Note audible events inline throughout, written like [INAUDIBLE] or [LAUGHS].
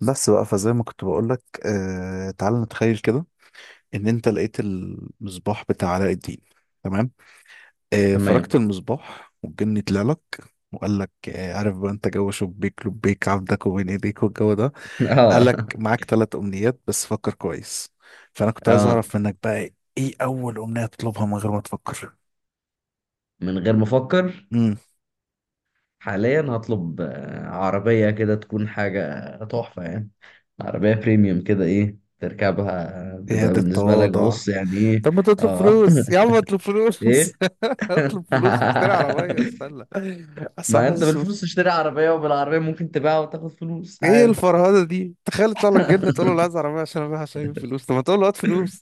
بس بقى فزي ما كنت بقولك تعال نتخيل كده ان انت لقيت المصباح بتاع علاء الدين. تمام. فركت تمام. المصباح والجن طلع لك، وقال لك عارف بقى انت جو شبيك لبيك عبدك وبين ايديك والجو ده. [LAUGHS] قال لك اه معاك ثلاث امنيات بس فكر كويس. فانا كنت عايز اه اعرف منك بقى، ايه اول امنية تطلبها من غير ما تفكر؟ من غير ما افكر، امم حاليا هطلب عربية كده تكون حاجة تحفة يعني. عربية بريميوم كده، ايه تركبها ايه تبقى هذا بالنسبة لك؟ التواضع؟ بص يعني ايه. طب ما تطلب اه. فلوس يا عم، اطلب [LAUGHS] فلوس [LAUGHS] ايه. [LAUGHS] اطلب فلوس مش تشتري عربية، استنى اصل أنا ما انت حاسس. بالفلوس تشتري عربية، وبالعربية ممكن تبيعها وتاخد فلوس ايه عادي. الفرهده دي، تخيل يطلع لك جن تقول [LAUGHS] له لا، عايز عربيه عشان ابيعها عشان اجيب فلوس، طب ما تقول له هات فلوس.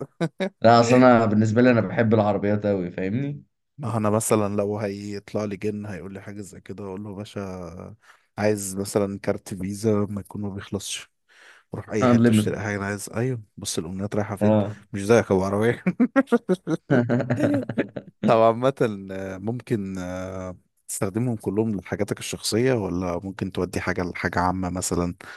لا، اصل انا بالنسبة لي انا بحب العربيات اوي، فاهمني؟ ما هو انا مثلا لو هيطلع لي جن هيقول لي حاجه زي كده اقول له يا باشا، عايز مثلا كارت فيزا ما يكون ما بيخلصش، روح اي حته اشتري unlimited. اي حاجه انا عايز. ايوه بص، الامنيات رايحه فين؟ اه. مش زيك ابو عربيه. [LAUGHS] [LAUGHS] طب عامه، ممكن تستخدمهم كلهم لحاجاتك الشخصيه، ولا ممكن تودي حاجه لحاجه عامه مثلا؟ [CLEARS THROAT]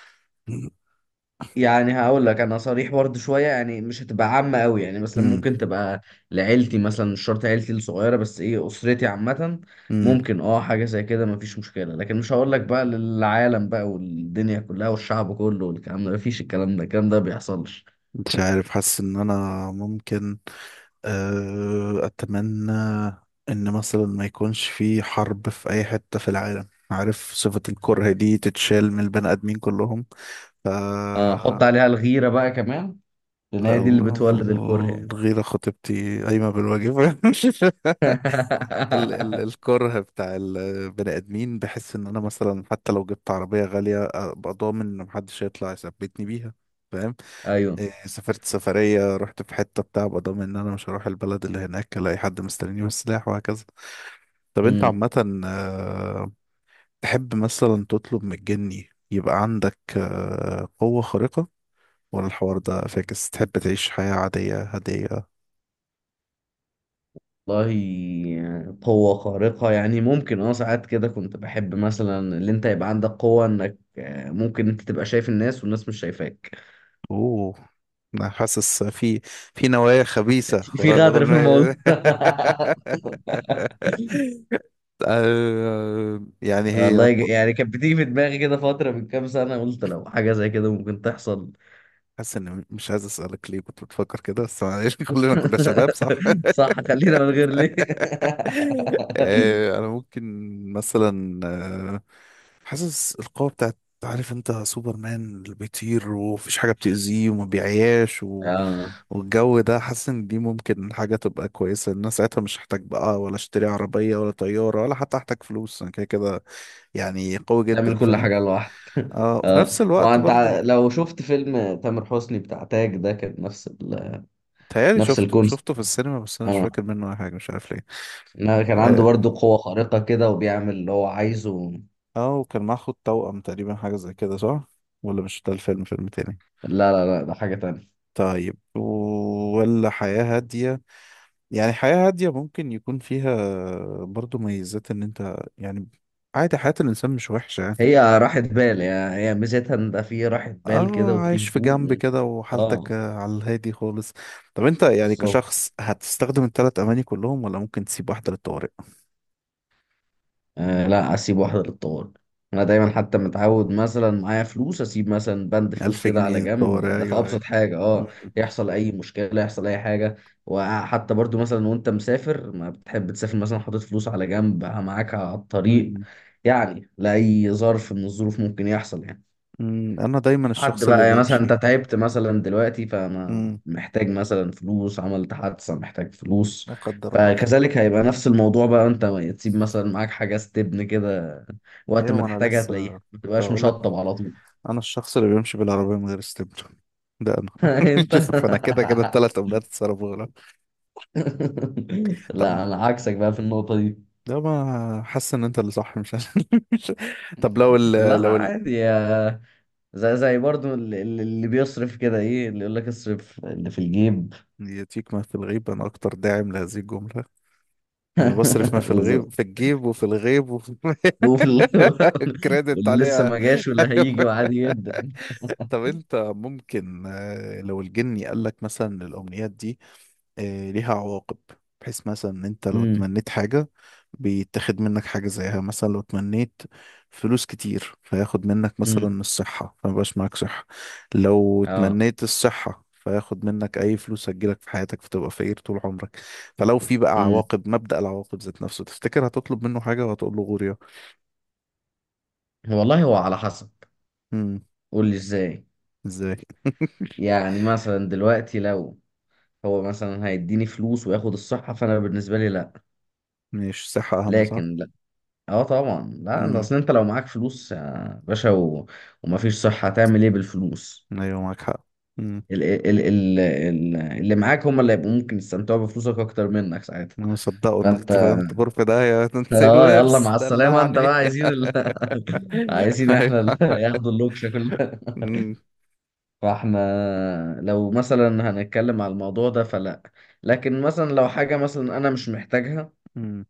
يعني هقول لك انا صريح برضه شويه، يعني مش هتبقى عامه قوي. يعني مثلا امم ممكن تبقى لعيلتي، مثلا مش شرط عيلتي الصغيره بس، ايه، اسرتي عامه. امم ممكن اه حاجه زي كده مفيش مشكله، لكن مش هقول لك بقى للعالم بقى، والدنيا كلها والشعب كله والكلام ده، مفيش، الكلام ده الكلام ده بيحصلش. مش عارف، حاسس ان انا ممكن أتمنى إن مثلا ما يكونش في حرب في أي حتة في العالم، عارف، صفة الكره دي تتشال من البني آدمين كلهم. ف اه، حط عليها الغيره بقى كمان، لان لا، هي دي اللي بتولد الكره يعني. الغيرة خطيبتي قايمة بالواجب. [LAUGHS] ال ال الكره بتاع البني آدمين، بحس إن أنا مثلا حتى لو جبت عربية غالية أبقى ضامن إن محدش هيطلع يثبتني بيها، فاهم. [LAUGHS] ايوه. سافرت سفرية رحت في حتة بتاع، أبقى ضامن إن أنا مش هروح البلد اللي هناك ألاقي حد مستنيني بالسلاح وهكذا. طب انت مم. عامة، تحب مثلا تطلب من الجني يبقى عندك قوة خارقة، ولا الحوار ده فاكس، تحب تعيش حياة عادية هادية؟ والله قوة خارقة يعني، ممكن اه ساعات كده كنت بحب مثلا، اللي انت يبقى عندك قوة انك ممكن انت تبقى شايف الناس والناس مش شايفاك. اوه، انا حاسس في في نوايا [LAUGHS] خبيثة في ورا غدر في الموضوع. الأغنية. [LAUGHS] آه، يعني [LAUGHS] هي والله ق- يعني كانت بتيجي في دماغي كده فترة من كام سنة، قلت لو حاجة زي كده ممكن تحصل. حاسس ان، مش عايز اسألك ليه كنت بتفكر كده، بس معلش، [LAUGHS] كلنا كنا شباب، صح. [LAUGHS] [LAUGHS] صح، خلينا من غير ليه. [LAUGHS] انا ممكن مثلا حاسس القوة بتاعت، عارف انت سوبرمان اللي بيطير ومفيش حاجة بتأذيه وما بيعياش و... اه، والجو ده، حاسس ان دي ممكن حاجة تبقى كويسة، الناس ساعتها مش هحتاج بقى ولا اشتري عربية ولا طيارة، ولا حتى هحتاج فلوس انا كده كده، يعني قوي جدا تعمل كل فاهم. حاجة لوحدك. [LAUGHS] اه، وفي اه، نفس ما الوقت انت برضو لو شفت فيلم تامر حسني بتاع تاج ده، كان نفس ال... تهيألي نفس شفته الكونسيبت. شفته في السينما، بس انا مش فاكر منه اي حاجة، مش عارف ليه. لا، كان عنده اه. برضو قوة خارقة كده وبيعمل اللي هو عايزه. وكان معاه خد توأم تقريبا، حاجة زي كده صح؟ ولا مش ده الفيلم، فيلم تاني؟ لا، ده حاجة تانية. طيب. ولا حياة هادية؟ يعني حياة هادية ممكن يكون فيها برضو ميزات، ان انت يعني عادي، حياة الإنسان مش وحشة يعني. هي راحة بال يعني، هي ميزتها ان ده فيه راحة بال اه، كده وفيه عايش في هدوء جنب و... كده وحالتك اه. على الهادي خالص. طب انت يعني كشخص، بالظبط. هتستخدم الثلاث أماني كلهم، ولا ممكن تسيب واحدة للطوارئ؟ آه، لا اسيب واحده للطوارئ. انا دايما حتى متعود، مثلا معايا فلوس اسيب مثلا بند فلوس ألف كده جنيه على للطوارئ، جنب، ده في أيوة أيوة. ابسط حاجه. اه، مم. يحصل اي مشكله، يحصل اي حاجه. وحتى برضو مثلا وانت مسافر، ما بتحب تسافر مثلا حاطط فلوس على جنب معاك على الطريق؟ مم. يعني لاي ظرف من الظروف ممكن يحصل يعني. مم. أنا دايما حد الشخص اللي بقى يعني، مثلا انت بيمشي. تعبت مثلا دلوقتي، فما مم. محتاج مثلا فلوس، عملت حادثة محتاج فلوس. لا قدر الله. فكذلك هيبقى نفس الموضوع بقى. انت تسيب مثلا معاك حاجة استبن كده، وقت ما أيوة، ما أنا تحتاجها هتلاقيها، لسه ما كنت تبقاش هقول لك، مشطب على طول. أنا الشخص اللي بيمشي بالعربية من غير استبن، ده انا. [LAUGHS] [LAUGHS] انت. شوف انا كده كده الثلاث امنيات اتصرفوا غلط. طب، لا، انا عكسك بقى في النقطة دي. ده ما حاسس ان انت اللي صح مش أنا. [LAUGHS] مش. طب لا لا، لو ال... عادي يا، زي زي برضو اللي بيصرف كده، ايه اللي يقول لك اصرف اللي في الجيب. ياتيك ما في الغيب، انا اكتر داعم لهذه الجمله، وانا بصرف ما [LAUGHS] في الغيب بالظبط. في الجيب وفي الغيب وفي وفي ال... [LAUGHS] [LAUGHS] كريدت واللي لسه عليها. ما [LAUGHS] جاش واللي هيجي، وعادي جدا. طب انت ممكن لو الجني قال لك مثلا الامنيات دي ليها عواقب، بحيث مثلا انت لو امم. اتمنيت حاجة بيتاخد منك حاجة زيها. مثلا لو اتمنيت فلوس كتير فياخد منك امم. مثلا الصحة فمبقاش معاك صحة. لو اه. اتمنيت الصحة فياخد منك أي فلوس هتجيلك في حياتك فتبقى فقير طول عمرك. فلو في بقى امم. عواقب، مبدأ العواقب ذات نفسه، تفتكر هتطلب منه حاجة وهتقول له غوريا؟ والله هو على حسب. امم قول لي ازاي. ازاي؟ [LAUGHS] يعني مثلا دلوقتي لو هو مثلا هيديني فلوس وياخد الصحة، فانا بالنسبة لي لا. مش صحة أهم، صح. لكن لا، اه طبعا لا. ده امم. اصل انت لو معاك فلوس يا باشا و... ومفيش صحة، هتعمل ايه بالفلوس؟ أيوة معاك حق. اللي معاك هم اللي هيبقوا ممكن يستمتعوا بفلوسك اكتر منك ساعتها. انا مصدقه فانت، انك فهمت غرفة ده يا تنسي اه يلا الورث مع السلامة، انت دلعني. بقى عايزين ال... [LAUGHS] [LAUGHS] عايزين احنا ال... [LAUGHS] ايوه. ياخدوا اللوكشة كلها. أمم، فاحنا لو مثلا هنتكلم على الموضوع ده، فلا. لكن مثلا لو حاجة مثلا انا مش محتاجها، أمم،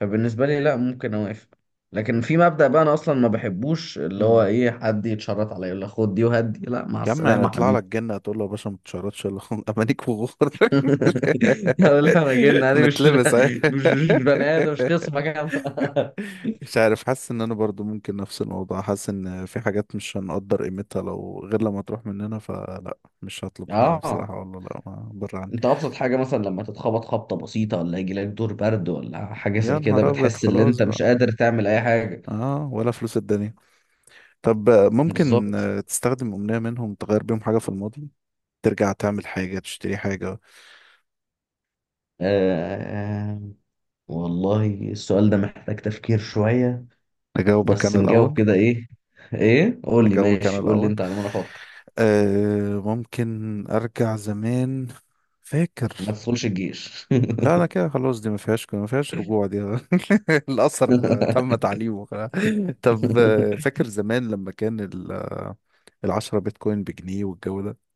فبالنسبة لي لا ممكن اوافق. لكن في مبدأ بقى، انا اصلا ما بحبوش اللي هو أمم. ايه، حد يتشرط عليا يقول لي خد دي وهات دي، لا، مع يا عم انا السلامة اطلع حبيبي. لك جنة هتقول له يا باشا ما بتشردش الا [LAUGHS] امانيك وغور. [LAUGHS] [LAUGHS] يلا انا جن، انا مش نتلبس أهي. [LAUGHS] مش بني ادم، مش خصمك انا. [LAUGHS] مش عارف، حاسس ان انا برضو ممكن نفس الموضوع، حاسس ان في حاجات مش هنقدر قيمتها لو غير لما تروح مننا، فلا مش هطلب حاجة اه، بصراحة، والله لا ما بره عني. انت ابسط حاجه مثلا لما تتخبط خبطه بسيطه، ولا يجي لك دور برد ولا حاجه يا زي كده، نهار ابيض بتحس ان خلاص انت بقى، مش قادر تعمل اي حاجه. اه ولا فلوس الدنيا. طب ممكن بالظبط. تستخدم أمنية منهم تغير بيهم حاجة في الماضي، ترجع تعمل حاجة تشتري حاجة؟ آه. والله السؤال ده محتاج تفكير شويه. أجاوبك بس أنا نجاوب الأول. كده ايه، ايه قول لي أجاوبك أنا ماشي، قول لي الأول. انت على ما انا افكر. أه، ممكن أرجع زمان، فاكر، ما تدخلش الجيش. لا أنا كده خلاص، دي ما فيهاش رجوع دي. [LAUGHS] الأثر تم تعليمه. [LAUGHS] خلاص. طب [LAUGHS] فاكر زمان لما كان 10 بيتكوين بجنيه، والجو ده.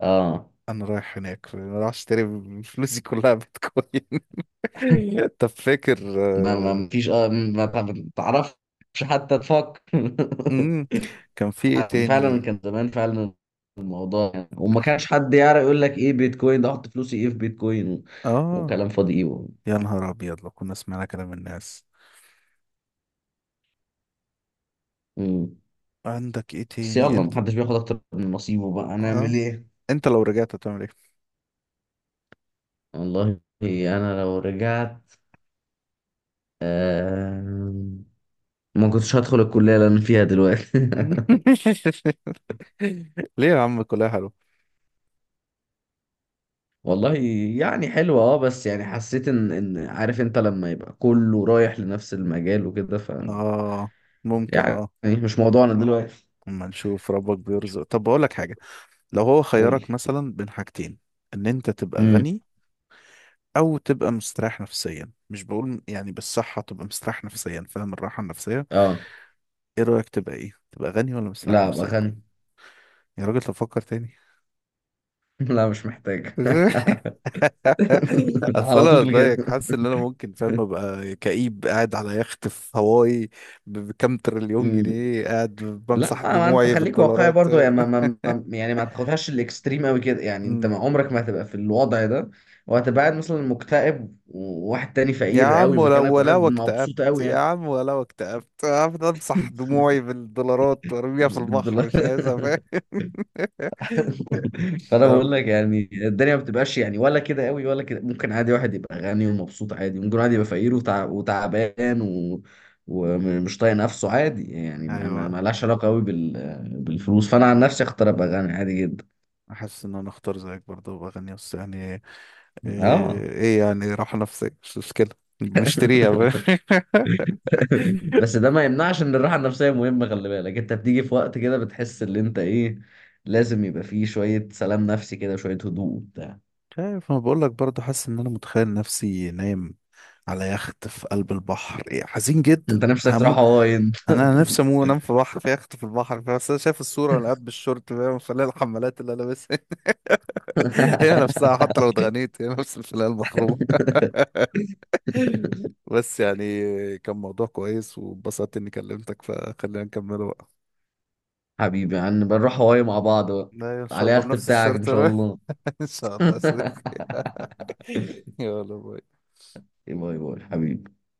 اه، أنا رايح هناك أنا رايح أشتري فلوسي كلها بيتكوين. [LAUGHS] طب فاكر ما ما ما فيش، اه ما تعرفش حتى تفكر. [LAUGHS] امم كان في ايه كان فعلا، تاني؟ كان زمان فعلا الموضوع يعني، وما كانش حد يعرف يقول لك ايه بيتكوين ده، احط فلوسي ايه في بيتكوين و... اه، وكلام فاضي ايه و... يا نهار ابيض لو كنا سمعنا كلام الناس. مم. عندك ايه بس تاني يلا انت؟ محدش بياخد اكتر من نصيبه بقى، هنعمل اه. ايه. انت لو رجعت هتعمل ايه؟ والله انا لو رجعت، آم، ما كنتش هدخل الكلية اللي انا فيها دلوقتي. [LAUGHS] ليه يا عم كلها حلو؟ [LAUGHS] والله يعني حلوة اه، بس يعني حسيت ان ان عارف انت لما يبقى كله رايح لنفس المجال وكده، ف اه، ممكن يعني اه، مش موضوعنا دلوقتي. اما نشوف ربك بيرزق. طب بقول لك حاجه، لو هو قول خيرك لي. مثلا بين حاجتين، ان انت تبقى امم. غني او تبقى مستريح نفسيا، مش بقول يعني بالصحه تبقى مستريح نفسيا، فاهم الراحه النفسيه، اه، ايه رايك تبقى ايه، تبقى غني ولا مستريح لا ابقى نفسيا؟ غني. يا راجل تفكر تاني. [LAUGHS] لا مش محتاج. [LAUGHS] [LAUGHS] اصل على انا طول زيك كده. حاسس ان انا ممكن فاهم ابقى كئيب قاعد على يخت في هواي، بكام تريليون مم. جنيه قاعد لا بمسح ما انت دموعي خليك واقعي بالدولارات. برضو، يعني ما, [LAUGHS] ما, ما يعني ما تاخدهاش الاكستريم قوي كده. يعني انت أمم. ما عمرك ما هتبقى في الوضع ده، وهتبقى قاعد مثلا مكتئب، وواحد تاني يا فقير عم قوي ولا مكانك وقاعد ولو اكتئبت، مبسوط قوي يا يعني. عم ولو اكتئبت هفضل امسح دموعي بالدولارات وارميها في البحر بالدولار. مش عايزها [LAUGHS] فاهم. [LAUGHS] [LAUGHS] فانا فاهم؟ بقول لك يعني الدنيا ما بتبقاش يعني ولا كده قوي ولا كده. ممكن عادي واحد يبقى غني ومبسوط، عادي ممكن واحد يبقى فقير وتع... وتعبان و... ومش طايق نفسه عادي. يعني ما ما ايوه، ما لهاش علاقه قوي بال... بالفلوس. فانا عن نفسي اختار ابقى غني، عادي جدا. احس ان انا اختار زيك برضه، بغني بس يعني ايه، اه. يعني راحة نفسية مش مشكلة، بنشتريها. [LAUGHS] [LAUGHS] بس ده ما يمنعش ان الراحه النفسيه مهمه، خلي بالك، انت بتيجي في وقت كده بتحس ان انت ايه، لازم يبقى فيه شويه سلام نفسي كده، شويه هدوء وبتاع. مش عارف، انا بقول لك برضه، حاسس ان انا متخيل نفسي نايم على يخت في قلب البحر، حزين جدا انت نفسك همو. تروح هواي انت. انا نفسي اموت انام في بحر في يخت في البحر، بس انا شايف الصوره وانا قاعد بالشورت فاهم، فلاقي الحمالات اللي انا لابسها [LAUGHS] هي [LAUGHS] نفسها، حتى لو اتغنيت هي نفس الفلاقه المخرومه. [LAUGHS] بس يعني كان موضوع كويس واتبسطت اني كلمتك، فخلينا نكمله بقى. حبيبي يعني نبقى نروح هواي مع بعض بقى، لا ان شاء على الله اليخت بنفس بتاعك ان الشرط. شاء الله. [LAUGHS] ان شاء الله يا [LAUGHS] صديقي. [LAUGHS] يلا باي. باي باي حبيبي.